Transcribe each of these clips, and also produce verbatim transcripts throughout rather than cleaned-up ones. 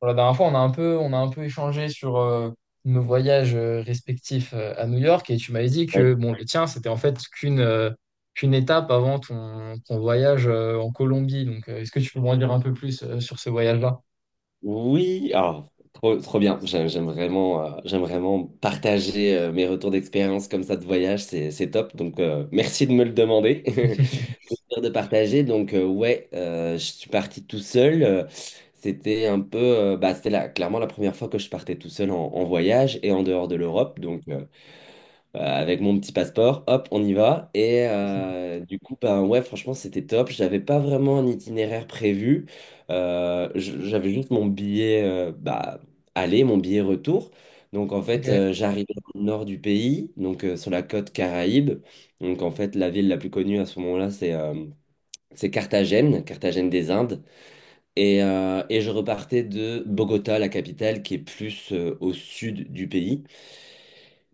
Voilà, la dernière fois, on a un peu, on a un peu échangé sur euh, nos voyages euh, respectifs euh, à New York, et tu m'avais dit Ouais. que bon, le tien, c'était en fait qu'une euh, qu'une étape avant ton, ton voyage euh, en Colombie. Donc, euh, est-ce que tu peux m'en dire un peu plus euh, sur ce voyage-là? Oui, alors, trop, trop bien. J'aime j'aime vraiment, euh, j'aime vraiment partager euh, mes retours d'expérience comme ça de voyage, c'est, c'est top. Donc, euh, merci de me le demander. Plaisir de partager. Donc, euh, ouais, euh, je suis parti tout seul. Euh, C'était un peu, euh, bah, c'était la- clairement la première fois que je partais tout seul en, en voyage et en dehors de l'Europe. Donc, euh, euh, avec mon petit passeport, hop, on y va. Et euh, du coup, ben ouais, franchement, c'était top. J'avais pas vraiment un itinéraire prévu. Euh, j- j'avais juste mon billet euh, bah, aller, mon billet retour. Donc en Ok, fait, euh, j'arrivais au nord du pays, donc euh, sur la côte Caraïbe. Donc en fait, la ville la plus connue à ce moment-là, c'est euh, c'est Carthagène, Carthagène des Indes. Et, euh, et je repartais de Bogota, la capitale, qui est plus euh, au sud du pays.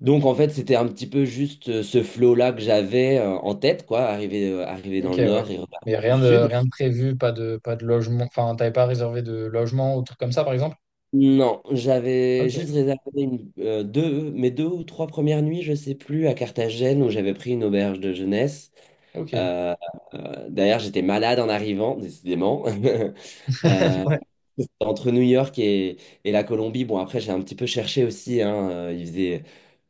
Donc en fait, c'était un petit peu juste euh, ce flow-là que j'avais euh, en tête, quoi, arriver, euh, arriver ok, dans le ouais. nord et repartir Mais du rien de, sud. rien de prévu, pas de, pas de logement. Enfin, t'avais pas réservé de logement ou truc comme ça, par exemple? Non, Ok, j'avais juste réservé une, euh, deux, mes deux ou trois premières nuits, je sais plus, à Carthagène où j'avais pris une auberge de jeunesse. ok. Euh, euh, D'ailleurs, j'étais malade en arrivant, décidément. Euh, C'était entre New York et, et la Colombie. Bon, après j'ai un petit peu cherché aussi, hein. euh, il faisait,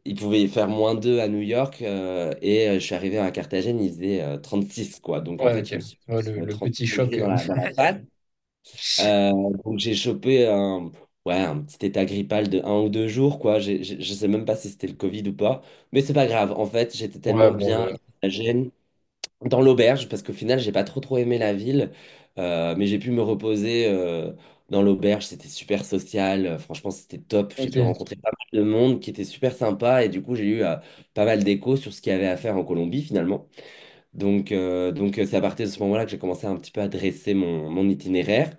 Il pouvait y faire moins deux à New York euh, et euh, je suis arrivé à Carthagène, il faisait euh, six quoi. Donc Ouais, en ouais, fait, je me ok. suis Ouais, le, euh, le trente petit degrés choc. dans euh. la, dans la patte. Euh, donc j'ai chopé un, ouais, un petit état grippal de un ou deux jours quoi. J'ai- j'ai- je sais même pas si c'était le Covid ou pas, mais c'est pas grave. En fait, j'étais Ouais, tellement bon, bien à le. Carthagène dans l'auberge parce qu'au final j'ai pas trop trop aimé la ville, euh, mais j'ai pu me reposer. Euh, dans l'auberge, c'était super social. Euh, franchement, c'était top. J'ai pu Ok, rencontrer pas mal de monde qui était super sympa et du coup j'ai eu euh, pas mal d'échos sur ce qu'il y avait à faire en Colombie finalement. Donc euh, donc euh, c'est à partir de ce moment-là que j'ai commencé un petit peu à dresser mon, mon itinéraire,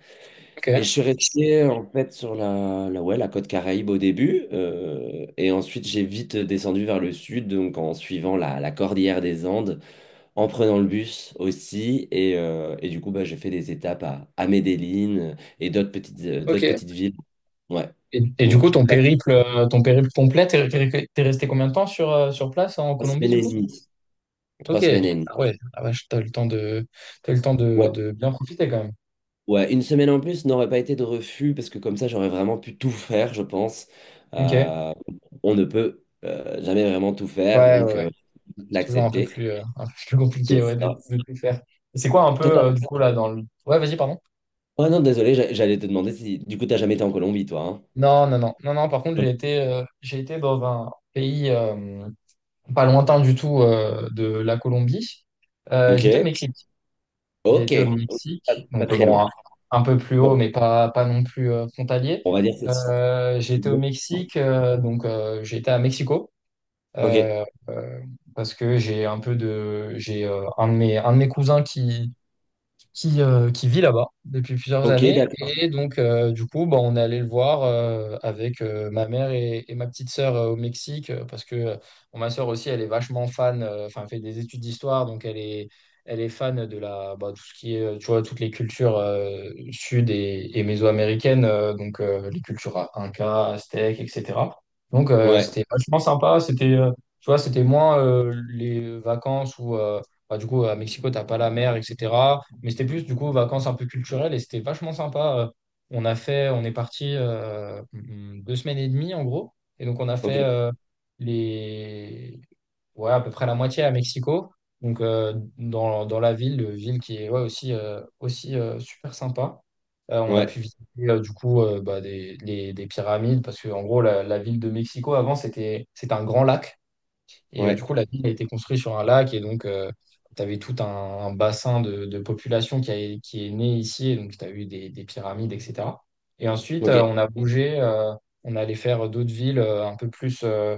et je ok, suis resté en fait sur la, la ouais la côte Caraïbe au début, euh, et ensuite j'ai vite descendu vers le sud, donc en suivant la la cordillère des Andes, en prenant le bus aussi. Et, euh, et du coup, bah, j'ai fait des étapes à, à Medellín et d'autres petites, euh, d'autres ok. petites villes. Ouais. Et, et du Donc, coup, je ton passe périple, euh, ton périple complet, t'es, t'es- t'es resté combien de temps sur, euh, sur place en trois Colombie, semaines du et coup? demie. Trois Ok. semaines et demie. Ah ouais, ah vache, t'as le temps de, t'as le temps de, Ouais. de bien profiter quand même. Ouais, une semaine en plus n'aurait pas été de refus parce que comme ça, j'aurais vraiment pu tout faire, je pense. Ok. Euh, on ne peut euh, jamais vraiment tout faire, Ouais, ouais, donc ouais. euh, C'est toujours un peu l'accepter. plus, euh, un peu plus C'est compliqué, ouais, de, ça. de tout faire. Et c'est quoi un peu, Toi, t'as- euh, du coup, là, dans le... Ouais, vas-y, pardon. Oh non, désolé, j'a- j'allais te demander si du coup, t'as jamais été en Colombie, toi. Non, non, non. Non, non, par contre, Hein. j'ai été, euh, j'ai été dans un pays euh, pas lointain du tout euh, de la Colombie. Euh, j'étais au Ok, Mexique. J'ai ok, été au pas, Mexique, pas donc euh, très bon, loin. un, un peu plus haut, Bon. mais pas, pas non plus euh, frontalier. On va dire que c'est... Euh, j'ai été au Mexique, euh, donc euh, j'ai été à Mexico, Ok, euh, euh, parce que j'ai un peu de, j'ai euh, un de mes, un de mes cousins qui, qui, euh, qui vit là-bas depuis plusieurs ok, années. d'accord. Et donc, euh, du coup, bah, on est allé le voir euh, avec euh, ma mère et, et ma petite sœur euh, au Mexique, euh, parce que euh, bon, ma sœur aussi, elle est vachement fan, euh, enfin, elle fait des études d'histoire, donc elle est, elle est fan de la, bah, tout ce qui est, euh, tu vois, toutes les cultures euh, sud et, et mésoaméricaines, euh, donc euh, les cultures incas aztèques, et cetera. Donc, euh, Ouais, c'était vachement sympa, c'était... euh, tu vois, c'était moins euh, les vacances où bah, du coup, à Mexico, t'as pas la mer, et cetera. Mais c'était plus, du coup, vacances un peu culturelles et c'était vachement sympa. Euh, On a fait, on est parti euh, mm, deux semaines et demie, en gros. Et donc, on a ok, fait euh, les... ouais, à peu près la moitié à Mexico. Donc, euh, dans, dans la ville, euh, ville qui est ouais, aussi, euh, aussi euh, super sympa. Euh, on a ouais, pu visiter, euh, du coup, euh, bah, des, les- des pyramides parce que, en gros, la, la ville de Mexico, avant, c'était, c'était un grand lac. Et euh, du ouais, coup, la ville a été construite sur un lac, et donc tu avais tout un, un bassin de, de population qui, a- qui est né ici. Et donc, tu as eu des, des pyramides, et cetera. Et ensuite, ok, euh, on a bougé, euh, on allait faire d'autres villes euh, un peu plus, euh,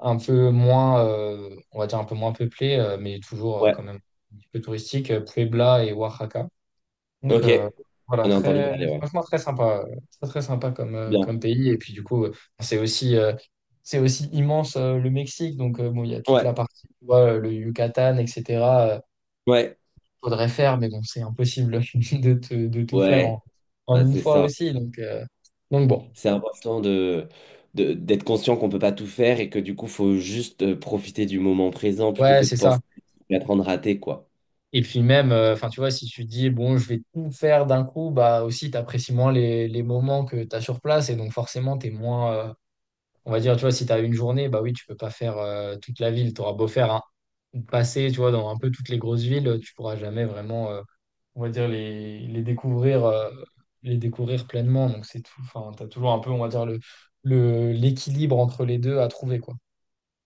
un peu moins, euh, on va dire un peu moins peuplées, euh, mais toujours euh, quand ouais, même un petit peu touristiques, euh, Puebla et Oaxaca. Donc ok. euh, voilà, J'en ai entendu très, parler, ouais. franchement très sympa, euh, très très sympa comme, euh, comme Bien. pays. Et puis du coup, euh, c'est aussi, euh, c'est aussi, immense euh, le Mexique. Donc euh, bon, il y a toute la Ouais, partie, tu vois, euh, le Yucatan, et cetera euh, ouais, Faudrait faire, mais bon, c'est impossible de, te- de tout faire ouais, en, en bah, une c'est fois ça. aussi. Donc, euh, donc bon, C'est important de, de- d'être conscient qu'on peut pas tout faire et que du coup, faut juste euh, profiter du moment présent plutôt ouais, que de c'est ça. penser à être en train quoi. Et puis même, euh, enfin tu vois, si tu dis bon, je vais tout faire d'un coup, bah aussi t'apprécies moins les, les moments que tu as sur place, et donc forcément t'es moins, euh. On va dire, tu vois, si tu as une journée, bah oui, tu peux pas faire euh, toute la ville. Tu auras beau faire un, passer, tu vois, dans un peu toutes les grosses villes, tu pourras jamais vraiment, euh, on va dire, les, les découvrir, euh, les découvrir pleinement. Donc c'est tout. Enfin, tu as toujours un peu, on va dire, le, le, l'équilibre entre les deux à trouver, quoi.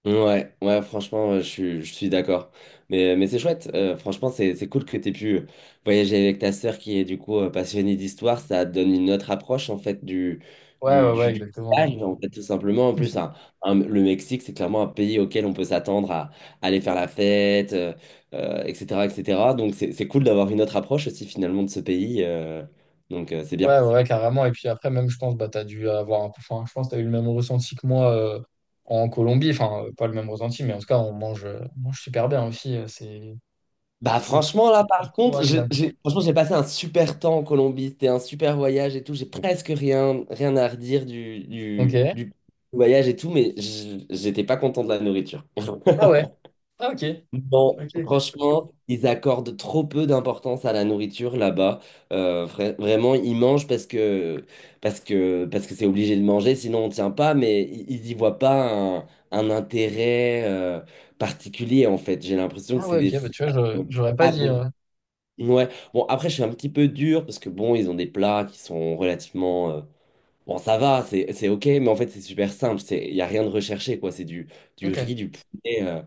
Ouais, ouais, franchement, euh, je suis, je suis d'accord. Mais, euh, mais c'est chouette. Euh, franchement, c'est, c'est cool que tu aies pu euh, voyager avec ta sœur qui est du coup euh, passionnée d'histoire. Ça donne une autre approche en fait du, Ouais, ouais, du, du, ouais, du exactement. voyage, en fait, tout simplement. En plus, un- un- Le Mexique, c'est clairement un pays auquel on peut s'attendre à, à aller faire la fête, euh, euh, et cetera, et cetera. Donc, c'est, c'est cool d'avoir une autre approche aussi finalement de ce pays. Euh, donc, euh, c'est Ouais, bien. ouais, ouais, carrément. Et puis après, même, je pense, bah, t'as dû avoir un peu, enfin, je pense que t'as eu le même ressenti que moi euh, en Colombie. Enfin, euh, pas le même ressenti, mais en tout cas, on mange, euh, on mange super bien aussi. euh, C'est, Bah c'est franchement là c'est par trop contre j'ai agréable. j'ai- franchement j'ai passé un super temps en Colombie. C'était un super voyage et tout. J'ai presque rien rien à redire du Ok. du, du voyage et tout, mais j- j'étais pas content de la nourriture. Ah ouais. Ah ok. Non, Ok, ok. franchement, ils accordent trop peu d'importance à la nourriture là-bas. Euh, vra- vraiment, ils mangent parce que parce que parce que c'est obligé de manger sinon on tient pas, mais i- ils y voient pas un, un intérêt euh, particulier. En fait, j'ai l'impression que Ah c'est ouais, des... ok, bah tu vois, je- j'aurais pas Ah. dit. euh, Ouais, bon, après je suis un petit peu dur parce que bon, ils ont des plats qui sont relativement euh, bon, ça va, c'est c'est OK, mais en fait, c'est super simple. C'est, il n'y a rien de recherché, quoi. C'est du, du Ok. riz, du poulet, euh,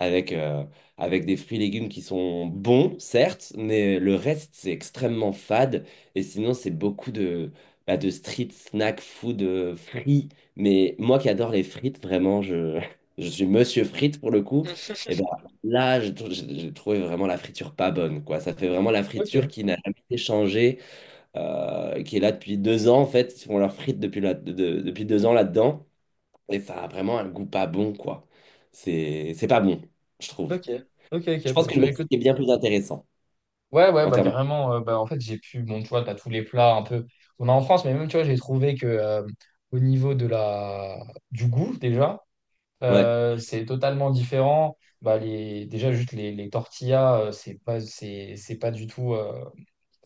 avec, euh, avec des fruits et légumes qui sont bons, certes, mais le reste, c'est extrêmement fade. Et sinon, c'est beaucoup de, bah, de street snack food euh, frits. Mais moi qui adore les frites, vraiment, je, je suis monsieur frites pour le coup. Et ben là, j'ai tr- j'ai- j'ai trouvé vraiment la friture pas bonne, quoi. Ça fait vraiment la Ok, friture qui n'a jamais été changée, euh, qui est là depuis deux ans en fait. Ils font leurs frites depuis, là- de- de- depuis deux ans là-dedans. Et ça a vraiment un goût pas bon, quoi. C'est c'est pas bon, je trouve. ok, ok, Je ok. pense Bah, que le tu vois, Mexique écoute. est bien plus intéressant Ouais, ouais, en bah termes de... carrément. Euh, bah, en fait, j'ai pu. Bon, tu vois, t'as tous les plats un peu. On a en France, mais même, tu vois, j'ai trouvé que euh, au niveau de la... du goût, déjà, Ouais, euh, c'est totalement différent. Bah, les... Déjà, juste les, les tortillas, euh, c'est pas, c'est, c'est pas du tout. euh,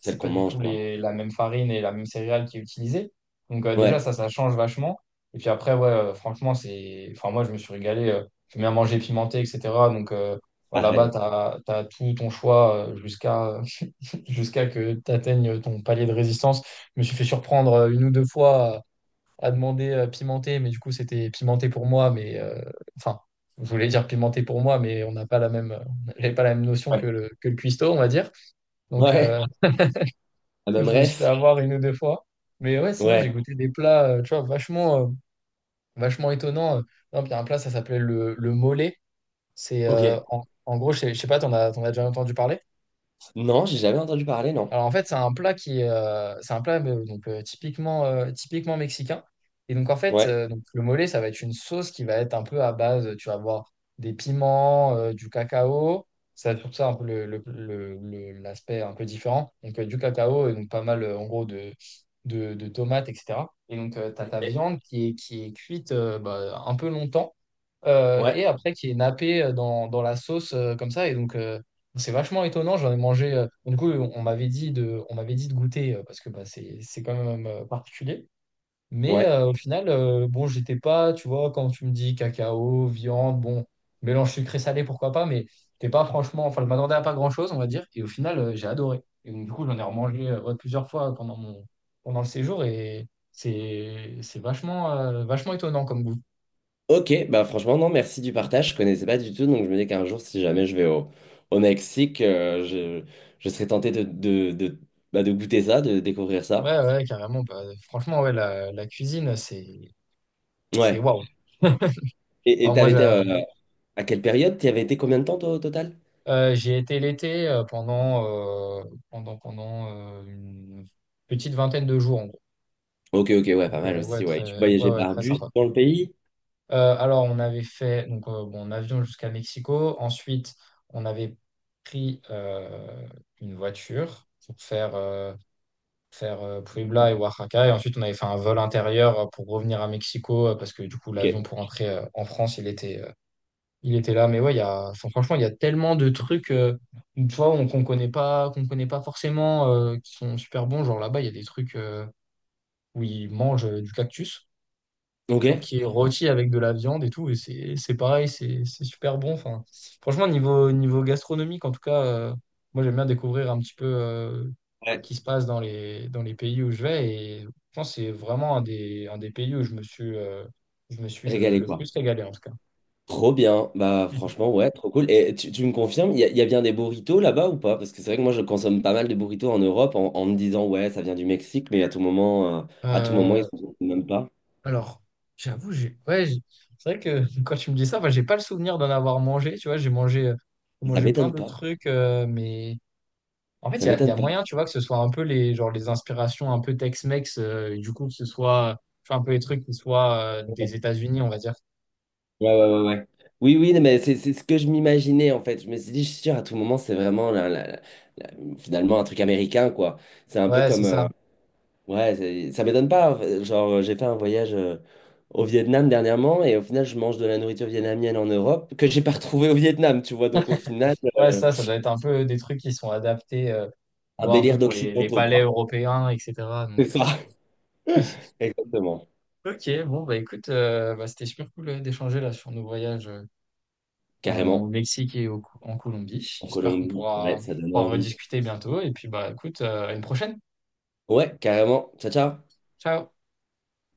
celle pas qu'on du mange, tout quoi. les, la même farine et la même céréale qui est utilisée. Donc euh, déjà, Ouais, ça, ça change vachement. Et puis après, ouais, euh, franchement, c'est... enfin, moi, je me suis régalé. Euh, j'aime bien manger pimenté, et cetera. Donc euh, bah, là-bas, pareil. t'as, t'as tout ton choix euh, jusqu'à jusqu'à que t'atteignes ton palier de résistance. Je me suis fait surprendre euh, une ou deux fois à, à demander euh, pimenté, mais du coup, c'était pimenté pour moi, mais... euh, enfin, je voulais dire pimenté pour moi, mais on n'a pas la même, on n'a pas la même notion Ouais. que le, que le cuistot, on va dire. Donc, euh, Ouais, la donc, même je me suis fait ref. avoir une ou deux fois. Mais ouais, sinon, Ouais, j'ai goûté des plats, euh, tu vois, vachement, euh, vachement étonnants. Euh, Par exemple, il y a un plat, ça s'appelait le, le mollet. C'est, euh, ok. en, en gros, je sais, je sais pas, t'en as, t'en as déjà entendu parler? Non, j'ai jamais entendu parler, non. Alors en fait, c'est un plat qui est, euh, c'est un plat euh, donc euh, typiquement euh, typiquement mexicain. Et donc en fait, Ouais. euh, donc le mole, ça va être une sauce qui va être un peu à base, tu vas avoir des piments, euh, du cacao. Ça, tout ça un peu le, le- le- le- l'aspect un peu différent. Donc euh, du cacao et donc pas mal euh, en gros de de, de tomates, et cetera. Et donc tu as ta viande qui est qui est cuite euh, bah, un peu longtemps, euh, Ouais, et après qui est nappé euh, dans dans la sauce euh, comme ça. Et donc euh, c'est vachement étonnant, j'en ai mangé. Euh, du coup, on m'avait dit de, on m'avait dit de goûter euh, parce que bah, c'est, c'est quand même euh, particulier. Mais ouais. euh, au final, euh, bon, j'étais pas, tu vois, quand tu me dis cacao, viande, bon, mélange sucré-salé, pourquoi pas, mais t'es pas franchement, enfin, je m'attendais à pas grand-chose, on va dire. Et au final, euh, j'ai adoré. Et donc, du coup, j'en ai remangé euh, ouais, plusieurs fois pendant mon, pendant le séjour, et c'est, c'est vachement, euh, vachement étonnant comme goût. Ok, bah franchement, non, merci du partage. Je connaissais pas du tout, donc je me dis qu'un jour, si jamais je vais au, au Mexique, euh, je, je serais tenté de, de, de, bah, de goûter ça, de découvrir Ouais, ça. ouais, carrément. Bah, franchement, ouais, la, la cuisine, c'est, c'est Ouais. waouh. Et et Enfin, moi, t'avais été j'a- euh, à quelle période? T'y avais été combien de temps toi, au total? Euh, j'y ai été l'été euh, pendant, euh, pendant, pendant euh, une petite vingtaine de jours en gros. Ok, ok, ouais, pas Donc, mal euh, ouais, aussi, ouais. Tu très, ouais, voyageais ouais, par très bus sympa. dans le pays? Euh, alors, on avait fait donc, euh, bon, en avion jusqu'à Mexico. Ensuite, on avait pris euh, une voiture pour faire, euh, faire euh, Puebla et Oaxaca. Et ensuite, on avait fait un vol intérieur euh, pour revenir à Mexico euh, parce que du coup, l'avion Ok. pour rentrer euh, en France, il était, euh, Il était là. Mais ouais, il y a, enfin, franchement, il y a tellement de trucs, euh, une fois, on- qu'on connaît pas, qu'on connaît pas forcément, euh, qui sont super bons. Genre là-bas, il y a des trucs euh, où ils mangent euh, du cactus, genre Ok. qui est rôti avec de la viande et tout, et c'est, c'est pareil, c'est, c'est super bon. Enfin, franchement, niveau, niveau gastronomique, en tout cas, euh, moi, j'aime bien découvrir un petit peu euh, Ouais. qui se passe dans les, dans les pays où je vais. Et je pense que c'est vraiment un des, un des pays où je me suis, euh, je me suis le, Régalé, le quoi. plus régalé, en tout cas. Trop bien. Bah franchement, ouais, trop cool. Et tu, tu me confirmes, il y, a il y a bien des burritos là-bas ou pas? Parce que c'est vrai que moi je consomme pas mal de burritos en Europe en, en me disant ouais, ça vient du Mexique, mais à tout moment, euh, à tout moment, ils Euh, n'en font même pas. Alors, j'avoue, j'ai. Ouais, j'ai- c'est vrai que quand tu me dis ça, enfin, j'ai pas le souvenir d'en avoir mangé. Tu vois, j'ai mangé, euh, j'ai Ça mangé plein m'étonne de pas. trucs, euh, mais en fait, il Ça y a, il y m'étonne a pas. moyen, tu vois, que ce soit un peu les, genre, les inspirations un peu Tex-Mex, euh, et du coup, que ce soit, tu vois, un peu les trucs qui soient euh, des Ouais, États-Unis, on va dire. ouais, ouais, ouais. Oui, oui, mais c'est c'est ce que je m'imaginais en fait. Je me suis dit, je suis sûr, à tout moment, c'est vraiment la- la- la- finalement un truc américain, quoi. C'est un peu Ouais, c'est comme. euh, ça. Ouais, c'est- ça m'étonne pas. Genre, euh, j'ai fait un voyage euh, au Vietnam dernièrement et au final, je mange de la nourriture vietnamienne en Europe que j'ai pas retrouvée au Vietnam, tu vois. Donc, au final, Ouais, euh, ça, ça doit être un peu des trucs qui sont adaptés, euh, tu un vois, un peu délire pour les, les d'occidentaux, palais quoi. européens, et cetera. Donc, C'est ça. Exactement. euh, ok, bon, bah écoute, euh, bah, c'était super cool euh, d'échanger là sur nos voyages. Euh, en- au Carrément. Mexique et au- en Colombie. En J'espère qu'on Colombie. Ouais, pourra, ça donne pourra envie. rediscuter bientôt. Et puis, bah, écoute, euh, à une prochaine. Ouais, carrément. Ciao, ciao. Ciao.